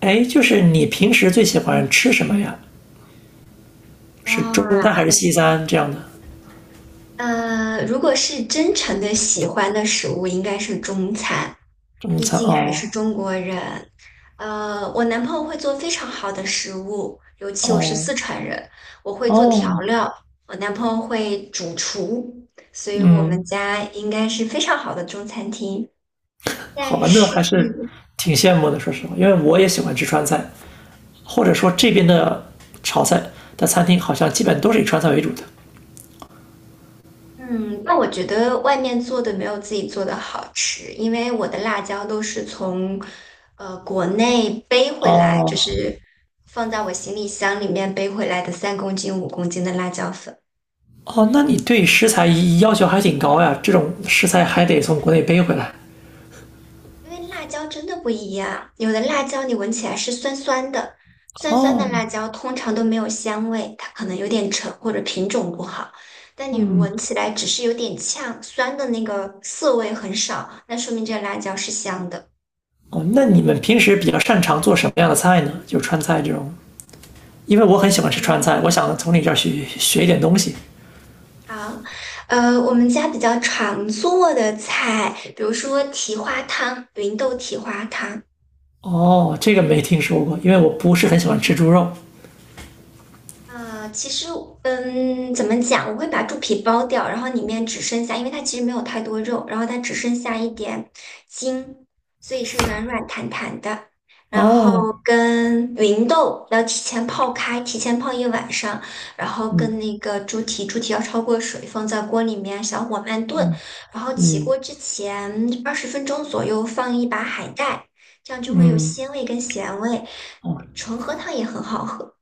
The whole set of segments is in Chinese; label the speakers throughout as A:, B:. A: 哎，就是你平时最喜欢吃什么呀？是中
B: 哇，
A: 餐还是西餐这样的？
B: 如果是真诚的喜欢的食物，应该是中餐，
A: 中
B: 毕
A: 餐。
B: 竟还
A: 哦
B: 是中国人。我男朋友会做非常好的食物，尤其我是
A: 哦
B: 四川人，我会做调
A: 哦，
B: 料，我男朋友会主厨，所以我们
A: 嗯，
B: 家应该是非常好的中餐厅。
A: 好
B: 但
A: 吧，那
B: 是
A: 还是挺羡慕的，说实话，因为我也喜欢吃川菜，或者说这边的炒菜的餐厅好像基本都是以川菜为主的。
B: 嗯，那我觉得外面做的没有自己做的好吃，因为我的辣椒都是从国内背回来，就
A: 哦
B: 是放在我行李箱里面背回来的3公斤、5公斤的辣椒粉。
A: 哦，那你对食材要求还挺高呀，这种食材还得从国内背回来。
B: 因为辣椒真的不一样，有的辣椒你闻起来是酸酸的，酸酸的辣
A: 哦
B: 椒通常都没有香味，它可能有点沉或者品种不好。但你闻起来只是有点呛，酸的那个涩味很少，那说明这个辣椒是香的。
A: 哦，那你们平时比较擅长做什么样的菜呢？就川菜这种。因为我很喜欢
B: 我
A: 吃川菜，
B: 们
A: 我想从你这儿学学一点东西。
B: 好，我们家比较常做的菜，比如说蹄花汤，芸豆蹄花汤，
A: 哦，这个没听说过，因为我不是很喜欢吃猪肉。
B: 其实，怎么讲？我会把猪皮剥掉，然后里面只剩下，因为它其实没有太多肉，然后它只剩下一点筋，所以是软软弹弹的。然后
A: 哦，
B: 跟芸豆要提前泡开，提前泡一晚上，然后
A: 嗯
B: 跟那个猪蹄，猪蹄要焯过水，放在锅里面小火慢炖，然后起
A: 嗯，
B: 锅之前20分钟左右放一把海带，这样就会有鲜味跟咸味。
A: 嗯。
B: 纯喝汤也很好喝。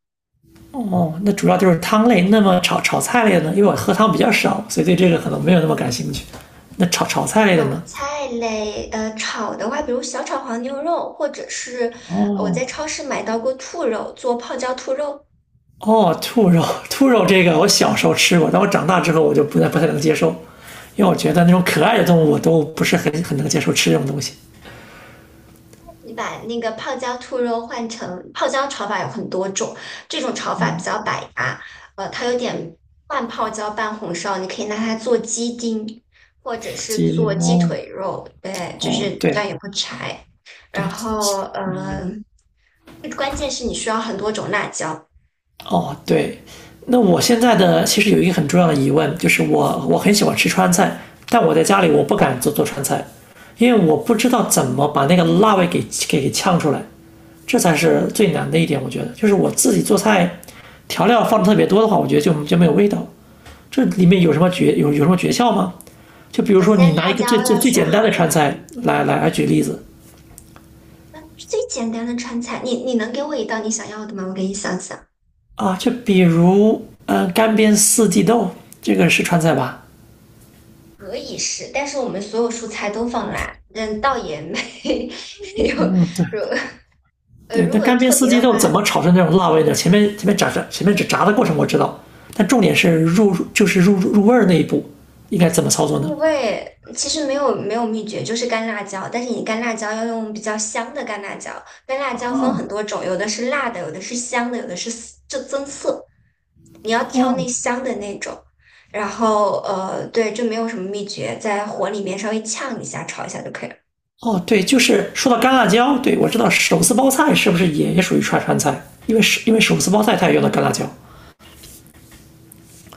A: 哦哦，那主要就是汤类。那么炒菜类的呢？因为我喝汤比较少，所以对这个可能没有那么感兴趣。那炒菜类的
B: 炒
A: 呢？
B: 菜类，炒的话，比如小炒黄牛肉，或者是我在
A: 哦
B: 超市买到过兔肉，做泡椒兔肉。
A: 哦，兔肉，兔肉这个我小时候吃过，但我长大之后我就不太能接受，因为我觉得那种可爱的动物我都不是很能接受吃这种东西。
B: 你把那个泡椒兔肉换成泡椒炒法有很多种，这种炒法比较百搭，它有点半泡椒半红烧，你可以拿它做鸡丁，或者是
A: 鸡
B: 做
A: 零
B: 鸡腿肉，对，就
A: 哦，
B: 是这样
A: 对
B: 也不柴。
A: 对，
B: 然后，关键是你需要很多种辣椒。
A: 哦，对，那我现在的其实有一个很重要的疑问，就是我很喜欢吃川菜，但我在家里我不敢做川菜，因为我不知道怎么把那个辣味给呛出来，这才是最难的一点。我觉得，就是我自己做菜，调料放的特别多的话，我觉得就没有味道。这里面有什么诀窍吗？就比如
B: 首
A: 说你
B: 先，
A: 拿
B: 辣
A: 一个最
B: 椒
A: 最
B: 要
A: 最
B: 选
A: 简单的川菜来来来举例子
B: 最简单的川菜，你能给我一道你想要的吗？我给你想想。
A: 啊，就比如干煸四季豆，这个是川菜吧？
B: 可以是，但是我们所有蔬菜都放辣，倒也没 有。如
A: 对，
B: 如
A: 但
B: 果
A: 干煸
B: 特
A: 四
B: 别
A: 季
B: 的
A: 豆
B: 话，
A: 怎么炒出那种辣味呢？前面只炸的过程我知道，但重点是入就是入入味儿那一步应该怎么操作呢？
B: 入味其实没有秘诀，就是干辣椒。但是你干辣椒要用比较香的干辣椒，干辣椒分很多种，有的是辣的，有的是香的，有的是涩就增色。你要挑那
A: 哦
B: 香的那种。然后对，就没有什么秘诀，在火里面稍微呛一下，炒一下就可以了。
A: 哦，对，就是说到干辣椒，对，我知道手撕包菜是不是也属于川菜？因为手撕包菜它也用到干辣椒。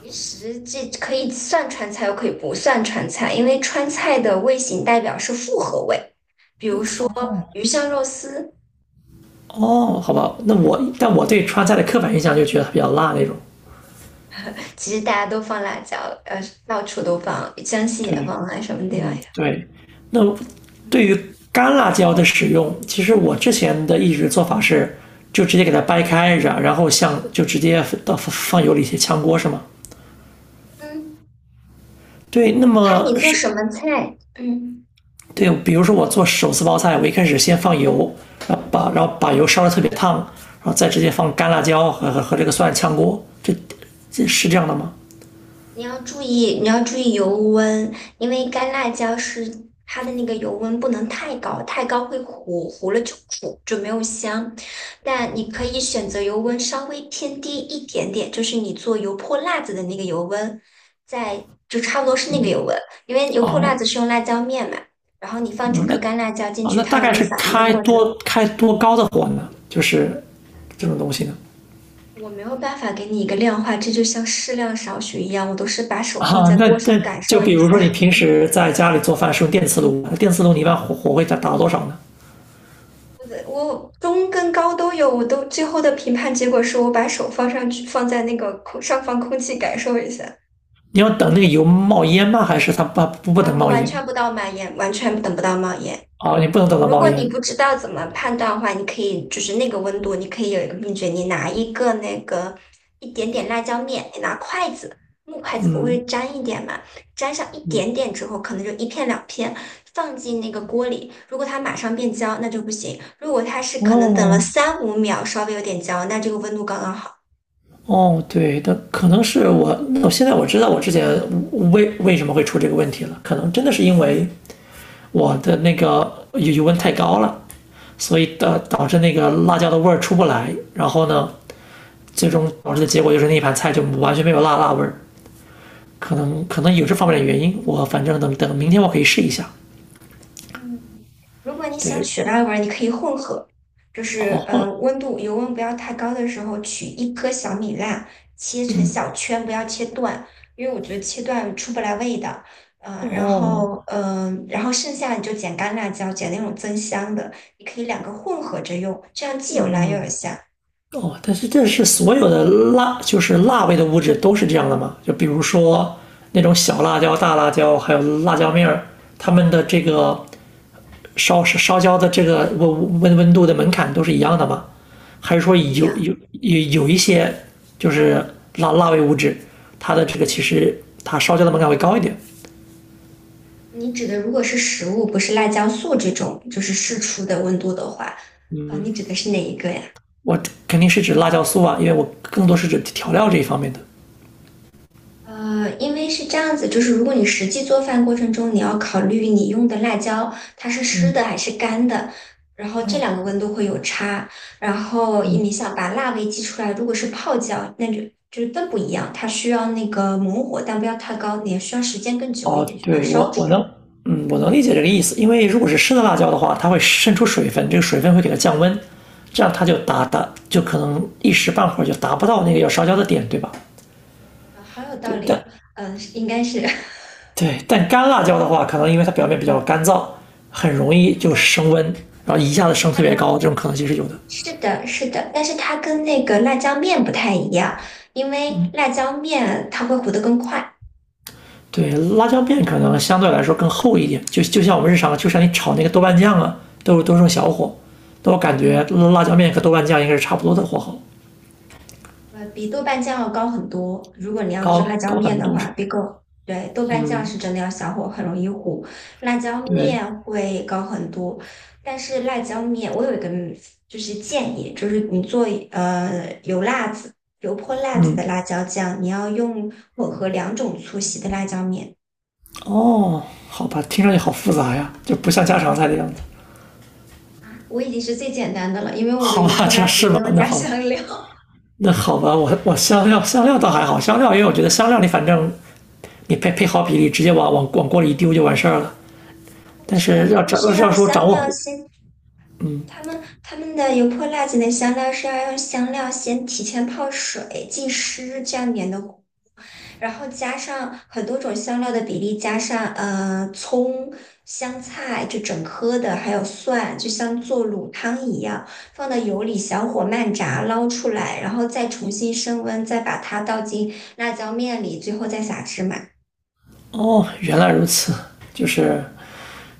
B: 其实这可以算川菜，又可以不算川菜，因为川菜的味型代表是复合味。比如说鱼香肉丝，
A: 哦，好吧，但我对川菜的刻板印象就觉得它比较辣那种。
B: 其实大家都放辣椒，呃，到处都放，江西也
A: 对，
B: 放啊，什么地方
A: 嗯，
B: 也。
A: 对。那
B: 嗯
A: 对于干辣椒的使用，其实我之前的一直做法是，就直接给它掰开，然后像就直接到放油里去炝锅是吗？
B: 嗯，
A: 对，那
B: 看
A: 么
B: 你做
A: 是，
B: 什么菜。嗯。
A: 对，比如说我做手撕包菜，我一开始先放油，然后把油烧的特别烫，然后再直接放干辣椒和这个蒜炝锅，这是这样的吗？
B: 你要注意，你要注意油温，因为干辣椒是它的那个油温不能太高，太高会糊，糊了就苦，就没有香。但你可以选择油温稍微偏低一点点，就是你做油泼辣子的那个油温，在就差不多是那个油温，因为油泼辣子
A: 哦，
B: 是用辣椒面嘛，然后你放整
A: 嗯。那
B: 颗干辣椒进去，
A: 大
B: 它有
A: 概
B: 个
A: 是
B: 反应的
A: 开
B: 过程。
A: 多开多高的火呢？就是这种东西呢？
B: 我没有办法给你一个量化，这就像适量少许一样，我都是把手放
A: 啊，
B: 在
A: 那
B: 锅上
A: 那
B: 感
A: 就
B: 受
A: 比
B: 一
A: 如
B: 下。
A: 说你平时在家里做饭是用电磁炉，电磁炉你一般火会打到多少呢？
B: 我中跟高都有，我都最后的评判结果是我把手放上去，放在那个空上方空气感受一下
A: 你要等那个油冒烟吗？还是它不
B: 啊，
A: 能
B: 我
A: 冒
B: 完
A: 烟？
B: 全不到满眼，完全等不到冒烟。
A: 啊，你不能等到
B: 如
A: 冒
B: 果你
A: 烟。
B: 不知道怎么判断的话，你可以就是那个温度，你可以有一个秘诀，你拿一个那个一点点辣椒面，你拿筷子，木筷子不会沾一点嘛，沾上一点点之后，可能就一片两片，放进那个锅里。如果它马上变焦，那就不行；如果它是可能等了
A: 哦
B: 三五秒，稍微有点焦，那这个温度刚刚好。
A: 哦，对的，可能是我，那我现在我知道我之前为什么会出这个问题了，可能真的是因为我的那个油温太高了，所以导致那个辣椒的味儿出不来，然后呢，最终导致的结果就是那一盘菜就完全没有辣味儿。可能有这方面的原因，我反正等明天我可以试一下。
B: 嗯，如果你想
A: 对，
B: 取辣味儿，你可以混合，就是
A: 哦
B: 温度油温不要太高的时候，取一颗小米辣，切成小圈，不要切断，因为我觉得切断出不来味道。然
A: 哦
B: 后然后剩下你就剪干辣椒，剪那种增香的，你可以两个混合着用，这样既有辣又有香，
A: 哦，但是这是所有的辣，就是辣味的物质都是这样的吗？就比如说那种小辣椒、大辣椒，还有辣椒面儿，它们的这个烧焦的这个温度的门槛都是一样的吗？还是说
B: 不一
A: 有
B: 样。
A: 有有有一些就是辣味物质，它的这个其实它烧焦的门槛会高一点？
B: 你指的如果是食物，不是辣椒素这种，就是试出的温度的话，啊、你指的是哪一个呀？
A: 我肯定是指辣椒素啊，因为我更多是指调料这一方面的。
B: 因为是这样子，就是如果你实际做饭过程中，你要考虑你用的辣椒它是湿
A: 嗯
B: 的还是干的，然后这
A: 嗯，
B: 两个温度会有差。然后你想把辣味激出来，如果是泡椒，那就就是更不一样，它需要那个猛火，但不要太高，你也需要时间更久一
A: 哦，
B: 点去把它
A: 对，
B: 烧
A: 我
B: 出来。
A: 能，嗯，我能理解这个意思，因为如果是生的辣椒的话，它会渗出水分，这个水分会给它降温，这样它就达达就可能一时半会儿就达不到那个要烧焦的点，对吧？
B: 啊，好有道
A: 对，
B: 理
A: 但。
B: 哦，应该是 它
A: 干辣椒的话，可能因为它表面比较干燥，很容易就
B: 跟
A: 升温，然后一下子升
B: 它
A: 特别高，
B: 跟
A: 这种可能性是有的。
B: 是的，是的，但是它跟那个辣椒面不太一样，因为辣椒面它会糊的更快。
A: 对，辣椒面可能相对来说更厚一点，就像我们日常，就像你炒那个豆瓣酱啊，都是用小火，但我感觉辣椒面和豆瓣酱应该是差不多的火候，
B: 比豆瓣酱要高很多。如果你要做辣
A: 高
B: 椒
A: 高
B: 面
A: 很
B: 的
A: 多
B: 话，
A: 是。
B: 别购。对，豆瓣酱是真的要小火，很容易糊。辣椒
A: 对，
B: 面会高很多，但是辣椒面我有一个就是建议，就是你做油辣子、油泼辣子的
A: 嗯，
B: 辣椒酱，你要用混合两种粗细的辣椒面。
A: 哦，好吧，听上去好复杂呀，就不像家常菜的样子。
B: 啊，我已经是最简单的了，因为我的
A: 好
B: 油
A: 吧，
B: 泼
A: 这
B: 辣
A: 样
B: 子
A: 是
B: 没
A: 吗？
B: 有
A: 那
B: 加
A: 好，
B: 香料。
A: 那好吧，我香料，香料倒还好，香料因为我觉得香料你反正你配好比例，直接往锅里一丢就完事儿了。
B: 不
A: 但
B: 是的，
A: 是
B: 他
A: 要
B: 们
A: 掌
B: 是
A: 要是要
B: 要
A: 说掌
B: 香
A: 握
B: 料
A: 火。
B: 先他们的油泼辣子的香料是要用香料先提前泡水浸湿，这样粘的，然后加上很多种香料的比例，加上葱、香菜，就整颗的，还有蒜，就像做卤汤一样，放到油里小火慢炸，捞出来，然后再重新升温，再把它倒进辣椒面里，最后再撒芝麻，
A: 哦，原来如此，就是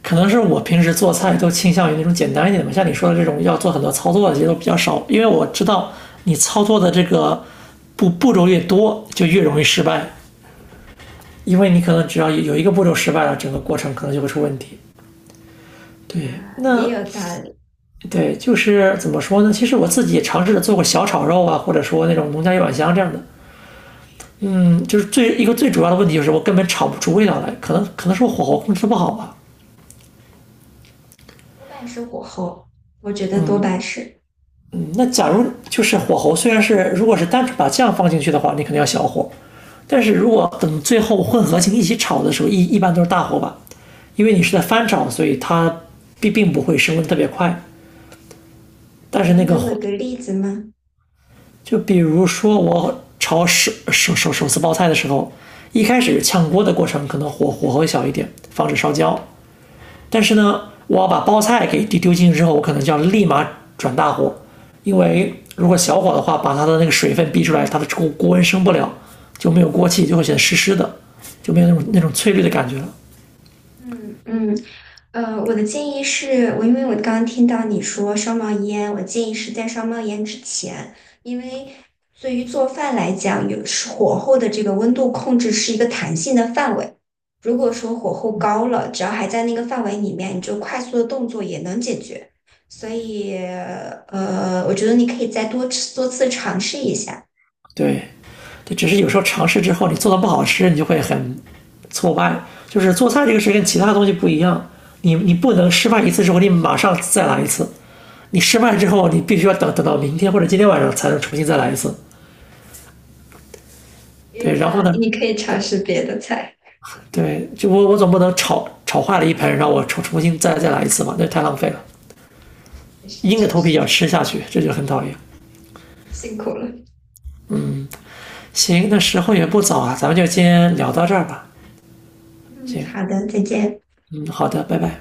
A: 可能是我平时做菜都倾向于那种简单一点的嘛，像你说的这种要做很多操作的，其实都比较少，因为我知道你操作的这个步骤越多，就越容易失败，因为你可能只要有一个步骤失败了，整个过程可能就会出问题。对，
B: 也
A: 那。
B: 有道理，
A: 对，就是怎么说呢？其实我自己也尝试着做过小炒肉啊，或者说那种农家一碗香这样的。嗯，就是一个最主要的问题就是我根本炒不出味道来，可能是我火候控制不好吧。
B: 多半是火候，我觉得多半是。
A: 那假如就是火候，虽然是如果是单纯把酱放进去的话，你肯定要小火，但是如果等最后混合型一起炒的时候，一般都是大火吧，因为你是在翻炒，所以它并不会升温特别快。但
B: 你
A: 是
B: 能
A: 那
B: 给
A: 个
B: 我一
A: 火，
B: 个例子吗？
A: 就比如说我炒手撕包菜的时候，一开始炝锅的过程可能火候小一点，防止烧焦。但是呢，我要把包菜给丢进去之后，我可能就要立马转大火，因为如果小火的话，把它的那个水分逼出来，它的锅温升不了，就没有锅气，就会显得湿湿的，就没有那种翠绿的感觉了。
B: 嗯嗯，我的建议是，因为我刚刚听到你说烧冒烟，我建议是在烧冒烟之前，因为对于做饭来讲，是火候的这个温度控制是一个弹性的范围。如果说火候高了，只要还在那个范围里面，你就快速的动作也能解决。所以，我觉得你可以再多次多次尝试一下，
A: 对，对，只是有时候尝试之后，你做的不好吃，你就会很挫败。就是做菜这个事跟其他东西不一样，你不能失败一次之后，你马上再来一次。你失败之后，你必须要等到明天或者今天晚上才能重新再来一次。
B: 也有
A: 对，然
B: 道
A: 后
B: 理。
A: 呢，
B: 你可以尝
A: 对，
B: 试别的菜，
A: 对，就我总不能炒坏了一盆，然后我重新再来一次嘛，那太浪费了。
B: 也是
A: 硬着
B: 确
A: 头皮
B: 实
A: 也要吃下去，这就很讨厌。
B: 辛苦了。
A: 行，那时候也不早啊，咱们就先聊到这儿吧。
B: 嗯，
A: 行，
B: 好的，再见。
A: 嗯，好的，拜拜。